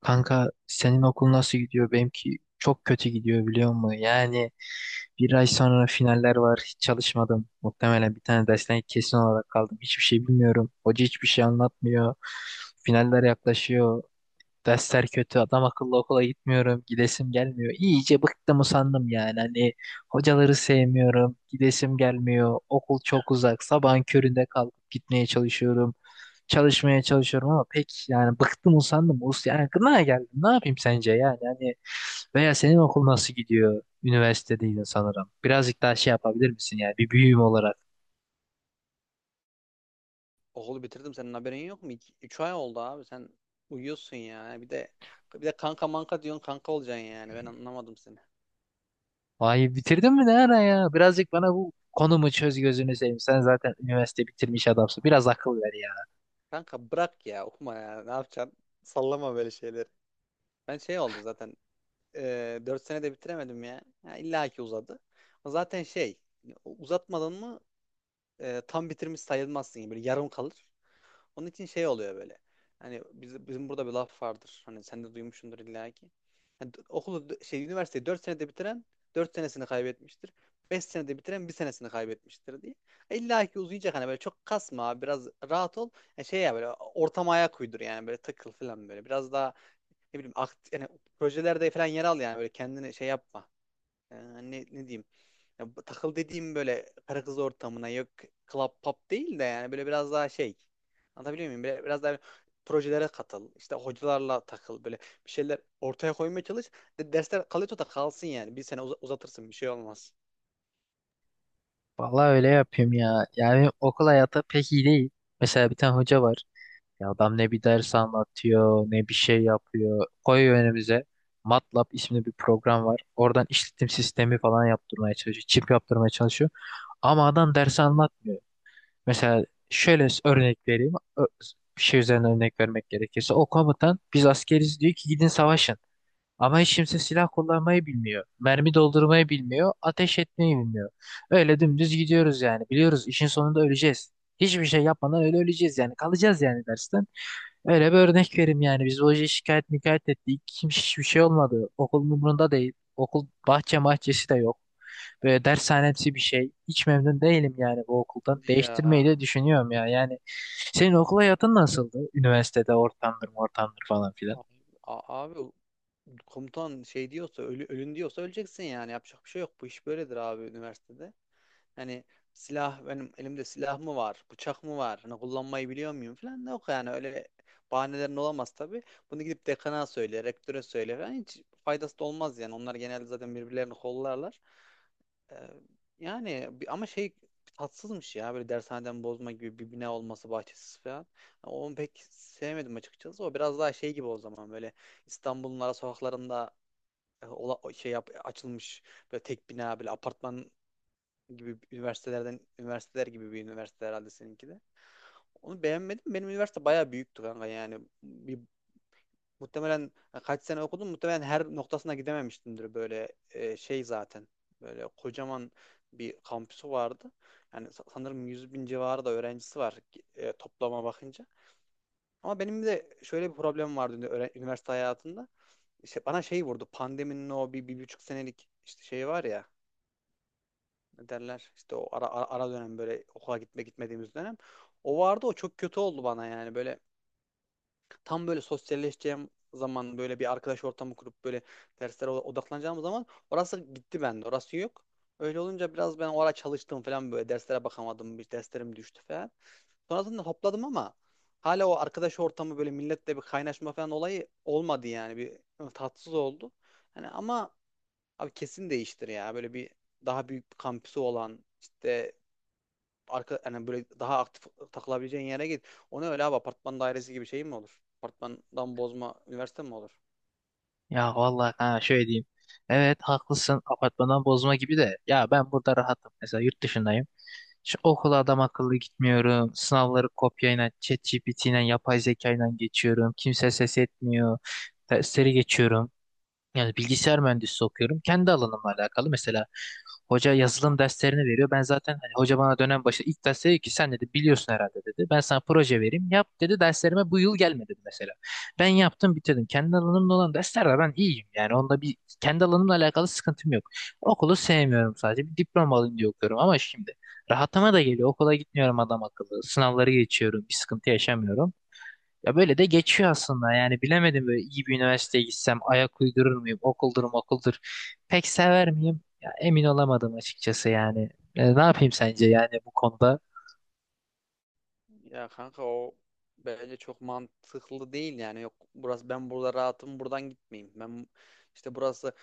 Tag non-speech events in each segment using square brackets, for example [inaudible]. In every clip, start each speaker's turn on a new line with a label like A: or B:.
A: Kanka senin okul nasıl gidiyor? Benimki çok kötü gidiyor biliyor musun? Yani bir ay sonra finaller var. Hiç çalışmadım. Muhtemelen bir tane dersten kesin olarak kaldım. Hiçbir şey bilmiyorum. Hoca hiçbir şey anlatmıyor. Finaller yaklaşıyor. Dersler kötü, adam akıllı okula gitmiyorum, gidesim gelmiyor. İyice bıktım usandım yani. Hani hocaları sevmiyorum, gidesim gelmiyor. Okul çok uzak, sabahın köründe kalkıp gitmeye çalışıyorum. Çalışmaya çalışıyorum ama pek yani bıktım usandım. Yani gına geldim. Ne yapayım sence yani? Hani veya senin okul nasıl gidiyor? Üniversitedeydin sanırım. Birazcık daha şey yapabilir misin yani bir büyüğüm olarak?
B: Okulu bitirdim senin haberin yok mu? 3 ay oldu abi sen uyuyorsun ya. Bir de kanka manka diyorsun kanka olacaksın yani. Ben anlamadım seni.
A: Vay bitirdin mi ne ara ya? Birazcık bana bu konumu çöz gözünü seveyim. Sen zaten üniversite bitirmiş adamsın. Biraz akıl ver ya.
B: Kanka bırak ya okuma ya. Ne yapacaksın? Sallama böyle şeyleri. Ben şey oldu zaten. 4 senede bitiremedim ya. Ya illa ki uzadı. Zaten şey uzatmadan mı tam bitirmiş sayılmazsın. Böyle yarım kalır. Onun için şey oluyor böyle. Hani bizim burada bir laf vardır. Hani sen de duymuşsundur illa ki. Yani okulu şey üniversiteyi 4 senede bitiren 4 senesini kaybetmiştir. 5 senede bitiren bir senesini kaybetmiştir diye. İlla ki uzayacak hani böyle çok kasma biraz rahat ol. Yani şey ya böyle ortama ayak uydur yani böyle takıl falan böyle. Biraz daha ne bileyim yani projelerde falan yer al yani böyle kendini şey yapma. e, ne diyeyim ya, bu takıl dediğim böyle karı kız ortamına yok, club pop değil de yani böyle biraz daha şey, anlatabiliyor muyum? Böyle, biraz daha projelere katıl işte hocalarla takıl böyle bir şeyler ortaya koymaya çalış. Dersler kalıyorsa da kalsın yani bir sene uzatırsın bir şey olmaz.
A: Vallahi öyle yapayım ya. Yani okul hayatı pek iyi değil. Mesela bir tane hoca var. Ya adam ne bir ders anlatıyor, ne bir şey yapıyor. Koyuyor önümüze. MATLAB isimli bir program var. Oradan işletim sistemi falan yaptırmaya çalışıyor. Çip yaptırmaya çalışıyor. Ama adam dersi anlatmıyor. Mesela şöyle örnek vereyim. Bir şey üzerine örnek vermek gerekirse. O komutan biz askeriz diyor ki gidin savaşın. Ama hiç kimse silah kullanmayı bilmiyor. Mermi doldurmayı bilmiyor. Ateş etmeyi bilmiyor. Öyle dümdüz gidiyoruz yani. Biliyoruz işin sonunda öleceğiz. Hiçbir şey yapmadan öyle öleceğiz yani. Kalacağız yani dersten. Öyle bir örnek vereyim yani. Biz hoca şikayet mikayet ettik. Kim hiçbir şey olmadı. Okulun umurunda değil. Okul bahçe mahçesi de yok. Böyle dershanemsi bir şey. Hiç memnun değilim yani bu okuldan.
B: Hadi ya
A: Değiştirmeyi de düşünüyorum ya. Yani senin okul hayatın nasıldı? Üniversitede ortamdır, ortamdır falan.
B: abi, abi komutan şey diyorsa ölün diyorsa öleceksin yani yapacak bir şey yok. Bu iş böyledir abi üniversitede. Hani silah, benim elimde silah mı var, bıçak mı var, hani kullanmayı biliyor muyum falan da yok, yani öyle bahanelerin olamaz tabii. Bunu gidip dekana söyle, rektöre söyle falan, hiç faydası da olmaz yani. Onlar genelde zaten birbirlerini kollarlar. Ee, yani ama şey, tatsızmış ya böyle dershaneden bozma gibi bir bina olması, bahçesiz falan. Yani onu pek sevmedim açıkçası. O biraz daha şey gibi o zaman, böyle İstanbul'un ara sokaklarında açılmış böyle tek bina, böyle apartman gibi üniversitelerden üniversiteler gibi bir üniversite, herhalde seninki de. Onu beğenmedim. Benim üniversite bayağı büyüktü kanka yani. Muhtemelen, kaç sene okudum, muhtemelen her noktasına gidememiştimdir böyle, şey zaten. Böyle kocaman bir kampüsü vardı. Yani sanırım 100 bin civarı da öğrencisi var toplama bakınca. Ama benim de şöyle bir problem vardı üniversite hayatında. İşte bana şey vurdu, pandeminin o bir, 1,5 senelik işte şey var ya, ne derler işte, o ara dönem, böyle okula gitmediğimiz dönem. O vardı, o çok kötü oldu bana, yani böyle tam böyle sosyalleşeceğim zaman, böyle bir arkadaş ortamı kurup böyle derslere odaklanacağım zaman orası gitti bende. Orası yok. Öyle olunca biraz ben orada çalıştım falan, böyle derslere bakamadım. Bir derslerim düştü falan. Sonrasında topladım ama hala o arkadaş ortamı, böyle milletle bir kaynaşma falan olayı olmadı yani. Bir tatsız oldu. Hani ama abi, kesin değiştir ya. Böyle bir daha büyük bir kampüsü olan, işte yani böyle daha aktif takılabileceğin yere git. O ne öyle abi, apartman dairesi gibi şey mi olur? Apartmandan bozma üniversite mi olur?
A: Ya vallahi ha şöyle diyeyim. Evet haklısın apartmandan bozma gibi de ya ben burada rahatım. Mesela yurt dışındayım. Şu okula adam akıllı gitmiyorum. Sınavları kopyayla, ChatGPT'yle, yapay zekayla geçiyorum. Kimse ses etmiyor. Dersleri geçiyorum. Yani bilgisayar mühendisliği okuyorum. Kendi alanımla alakalı. Mesela hoca yazılım derslerini veriyor. Ben zaten hani hoca bana dönem başı ilk ders dedi ki sen dedi biliyorsun herhalde dedi. Ben sana proje vereyim. Yap dedi derslerime bu yıl gelme dedi mesela. Ben yaptım bitirdim. Kendi alanımda olan derslerde ben iyiyim. Yani onda bir kendi alanımla alakalı sıkıntım yok. Okulu sevmiyorum sadece. Bir diploma alayım diye okuyorum ama şimdi rahatıma da geliyor. Okula gitmiyorum adam akıllı. Sınavları geçiyorum. Bir sıkıntı yaşamıyorum. Ya böyle de geçiyor aslında yani bilemedim böyle iyi bir üniversiteye gitsem ayak uydurur muyum okuldur okuldur pek sever miyim ya emin olamadım açıkçası yani. E, ne yapayım sence yani bu konuda?
B: Ya kanka, o bence çok mantıklı değil yani. Yok burası, ben burada rahatım buradan gitmeyeyim. Ben işte burası.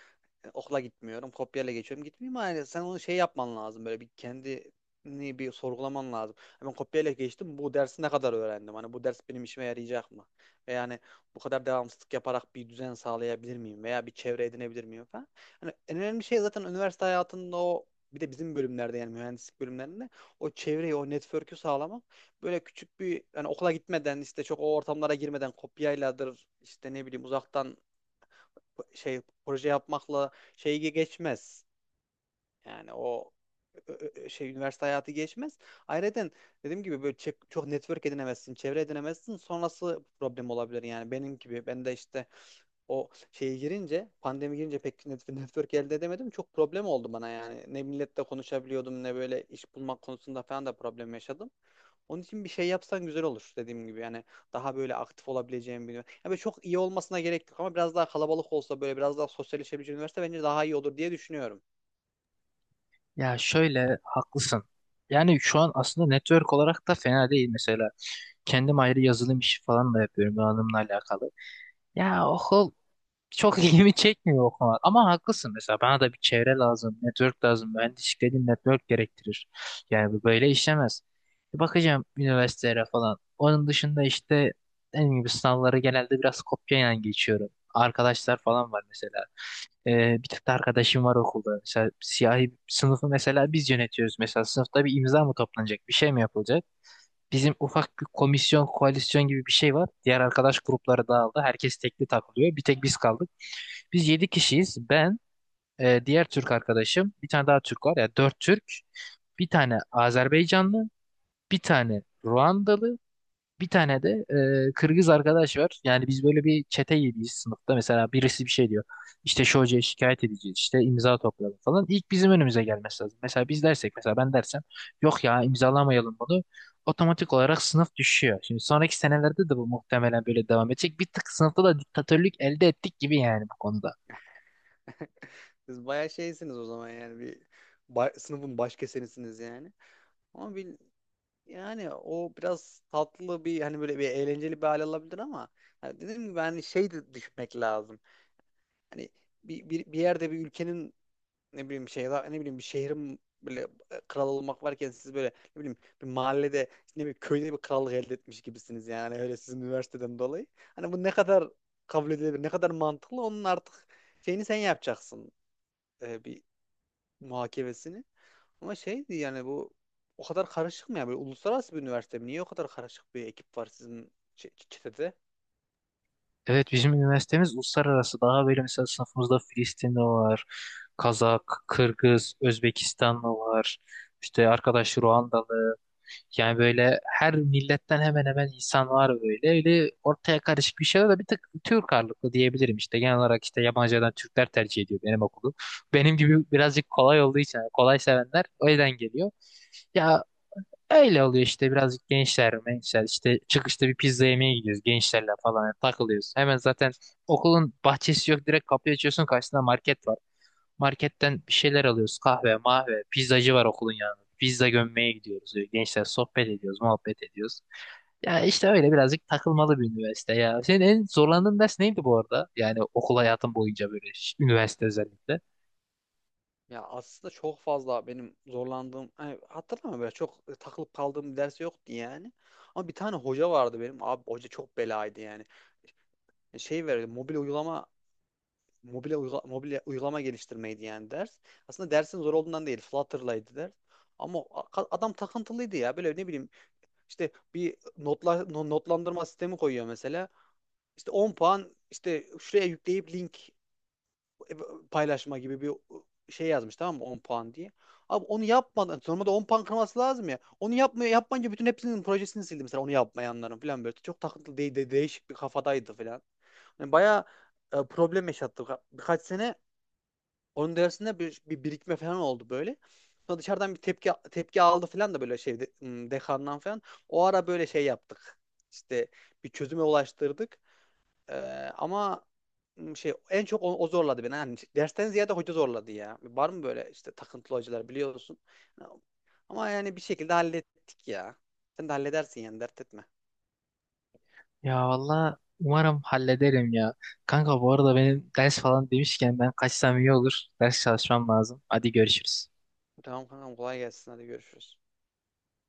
B: Okula gitmiyorum, kopyayla geçiyorum, gitmeyeyim, ama yani sen onu şey yapman lazım. Böyle bir kendini bir sorgulaman lazım. Ben kopyayla geçtim, bu dersi ne kadar öğrendim? Hani bu ders benim işime yarayacak mı? Ve yani bu kadar devamsızlık yaparak bir düzen sağlayabilir miyim? Veya bir çevre edinebilir miyim falan. Hani en önemli şey zaten üniversite hayatında o, bir de bizim bölümlerde yani mühendislik bölümlerinde o çevreyi, o network'ü sağlamak. Böyle küçük bir yani okula gitmeden, işte çok o ortamlara girmeden, kopyayladır işte, ne bileyim uzaktan şey, proje yapmakla şeyi geçmez. Yani o şey üniversite hayatı geçmez. Ayrıca dediğim gibi böyle çok network edinemezsin, çevre edinemezsin. Sonrası problem olabilir, yani benim gibi. Ben de işte o şeye girince, pandemi girince pek [laughs] network elde edemedim. Çok problem oldu bana yani. Ne milletle konuşabiliyordum, ne böyle iş bulmak konusunda falan da problem yaşadım. Onun için bir şey yapsan güzel olur, dediğim gibi. Yani daha böyle aktif olabileceğim bir üniversite. Yani böyle çok iyi olmasına gerek yok ama biraz daha kalabalık olsa, böyle biraz daha sosyalleşebileceğim üniversite bence daha iyi olur diye düşünüyorum.
A: Ya şöyle haklısın yani şu an aslında network olarak da fena değil mesela kendim ayrı yazılım işi falan da yapıyorum donanımla alakalı. Ya okul çok [laughs] ilgimi çekmiyor o konular. Ama haklısın mesela bana da bir çevre lazım, network lazım. Mühendislik dediğin network gerektirir. Yani bu böyle işlemez. Bir bakacağım üniversitelere falan. Onun dışında işte dediğim gibi sınavları genelde biraz kopyayla geçiyorum. Arkadaşlar falan var mesela. Bir tık da arkadaşım var okulda. Mesela siyahi sınıfı mesela biz yönetiyoruz. Mesela sınıfta bir imza mı toplanacak, bir şey mi yapılacak? Bizim ufak bir komisyon, koalisyon gibi bir şey var. Diğer arkadaş grupları dağıldı. Herkes tekli takılıyor. Bir tek biz kaldık. Biz 7 kişiyiz. Ben, diğer Türk arkadaşım, bir tane daha Türk var. Yani dört Türk, bir tane Azerbaycanlı, bir tane Ruandalı, bir tane de Kırgız arkadaş var. Yani biz böyle bir çete gibiyiz sınıfta. Mesela birisi bir şey diyor. İşte şu hocaya şikayet edeceğiz. İşte imza toplayalım falan. İlk bizim önümüze gelmesi lazım. Mesela biz dersek mesela ben dersem yok ya imzalamayalım bunu. Otomatik olarak sınıf düşüyor. Şimdi sonraki senelerde de bu muhtemelen böyle devam edecek. Bir tık sınıfta da diktatörlük elde ettik gibi yani bu konuda.
B: Siz bayağı şeysiniz o zaman yani, sınıfın baş kesenisiniz yani. Ama yani o biraz tatlı bir, hani böyle bir eğlenceli bir hale alabilir ama yani dediğim gibi, hani şey de düşünmek lazım. Hani bir yerde bir ülkenin, ne bileyim bir şey, ne bileyim bir şehrin böyle kral olmak varken, siz böyle ne bileyim bir mahallede, ne bileyim köyde bir krallık elde etmiş gibisiniz yani, öyle sizin üniversiteden dolayı. Hani bu ne kadar kabul edilebilir, ne kadar mantıklı, onun artık şeyini sen yapacaksın, bir muhakemesini. Ama şeydi yani, bu o kadar karışık mı ya, böyle uluslararası bir üniversite mi? Niye o kadar karışık bir ekip var sizin çetede?
A: Evet bizim üniversitemiz uluslararası daha böyle mesela sınıfımızda Filistinli var, Kazak, Kırgız, Özbekistanlı var, işte arkadaş Ruandalı. Yani böyle her milletten hemen hemen insan var böyle. Öyle ortaya karışık bir şeyler de bir tık Türk ağırlıklı diyebilirim işte. Genel olarak işte yabancılardan Türkler tercih ediyor benim okulu. [laughs] Benim gibi birazcık kolay olduğu için yani kolay sevenler o yüzden geliyor. Ya öyle oluyor işte birazcık gençler, gençler işte çıkışta bir pizza yemeye gidiyoruz gençlerle falan yani takılıyoruz. Hemen zaten okulun bahçesi yok direkt kapıyı açıyorsun karşısında market var. Marketten bir şeyler alıyoruz. Kahve, mahve, pizzacı var okulun yanında. Pizza gömmeye gidiyoruz. Böyle gençler sohbet ediyoruz, muhabbet ediyoruz. Ya işte öyle birazcık takılmalı bir üniversite ya. Senin en zorlandığın ders neydi bu arada? Yani okul hayatın boyunca böyle üniversite özellikle.
B: Ya aslında çok fazla benim zorlandığım, hani hatırlamıyorum böyle çok takılıp kaldığım bir ders yoktu yani. Ama bir tane hoca vardı benim. Abi hoca çok belaydı yani. Şey verdi, mobil uygulama geliştirmeydi yani ders. Aslında dersin zor olduğundan değil, Flutter'laydı ders. Ama adam takıntılıydı ya. Böyle ne bileyim işte bir notla, no- notlandırma sistemi koyuyor mesela. İşte 10 puan işte şuraya yükleyip link paylaşma gibi bir şey yazmış, tamam mı, 10 puan diye. Abi onu yapmadan normalde 10 puan kırması lazım ya. Onu yapmayınca bütün hepsinin projesini sildi mesela, onu yapmayanların falan böyle. Çok takıntılı değil de değişik bir kafadaydı falan. Yani bayağı problem yaşattı. Birkaç sene onun dersinde bir birikme falan oldu böyle. Sonra dışarıdan bir tepki tepki aldı falan da, böyle şey dekandan falan. O ara böyle şey yaptık. İşte bir çözüme ulaştırdık. Ee, ama şey, en çok o, zorladı beni. Yani dersten ziyade hoca zorladı ya. Var mı böyle işte takıntılı hocalar, biliyorsun. Ama yani bir şekilde hallettik ya. Sen de halledersin yani, dert etme.
A: Ya valla umarım hallederim ya. Kanka bu arada benim ders falan demişken ben kaçsam iyi olur. Ders çalışmam lazım. Hadi görüşürüz.
B: Tamam kankam, kolay gelsin, hadi görüşürüz.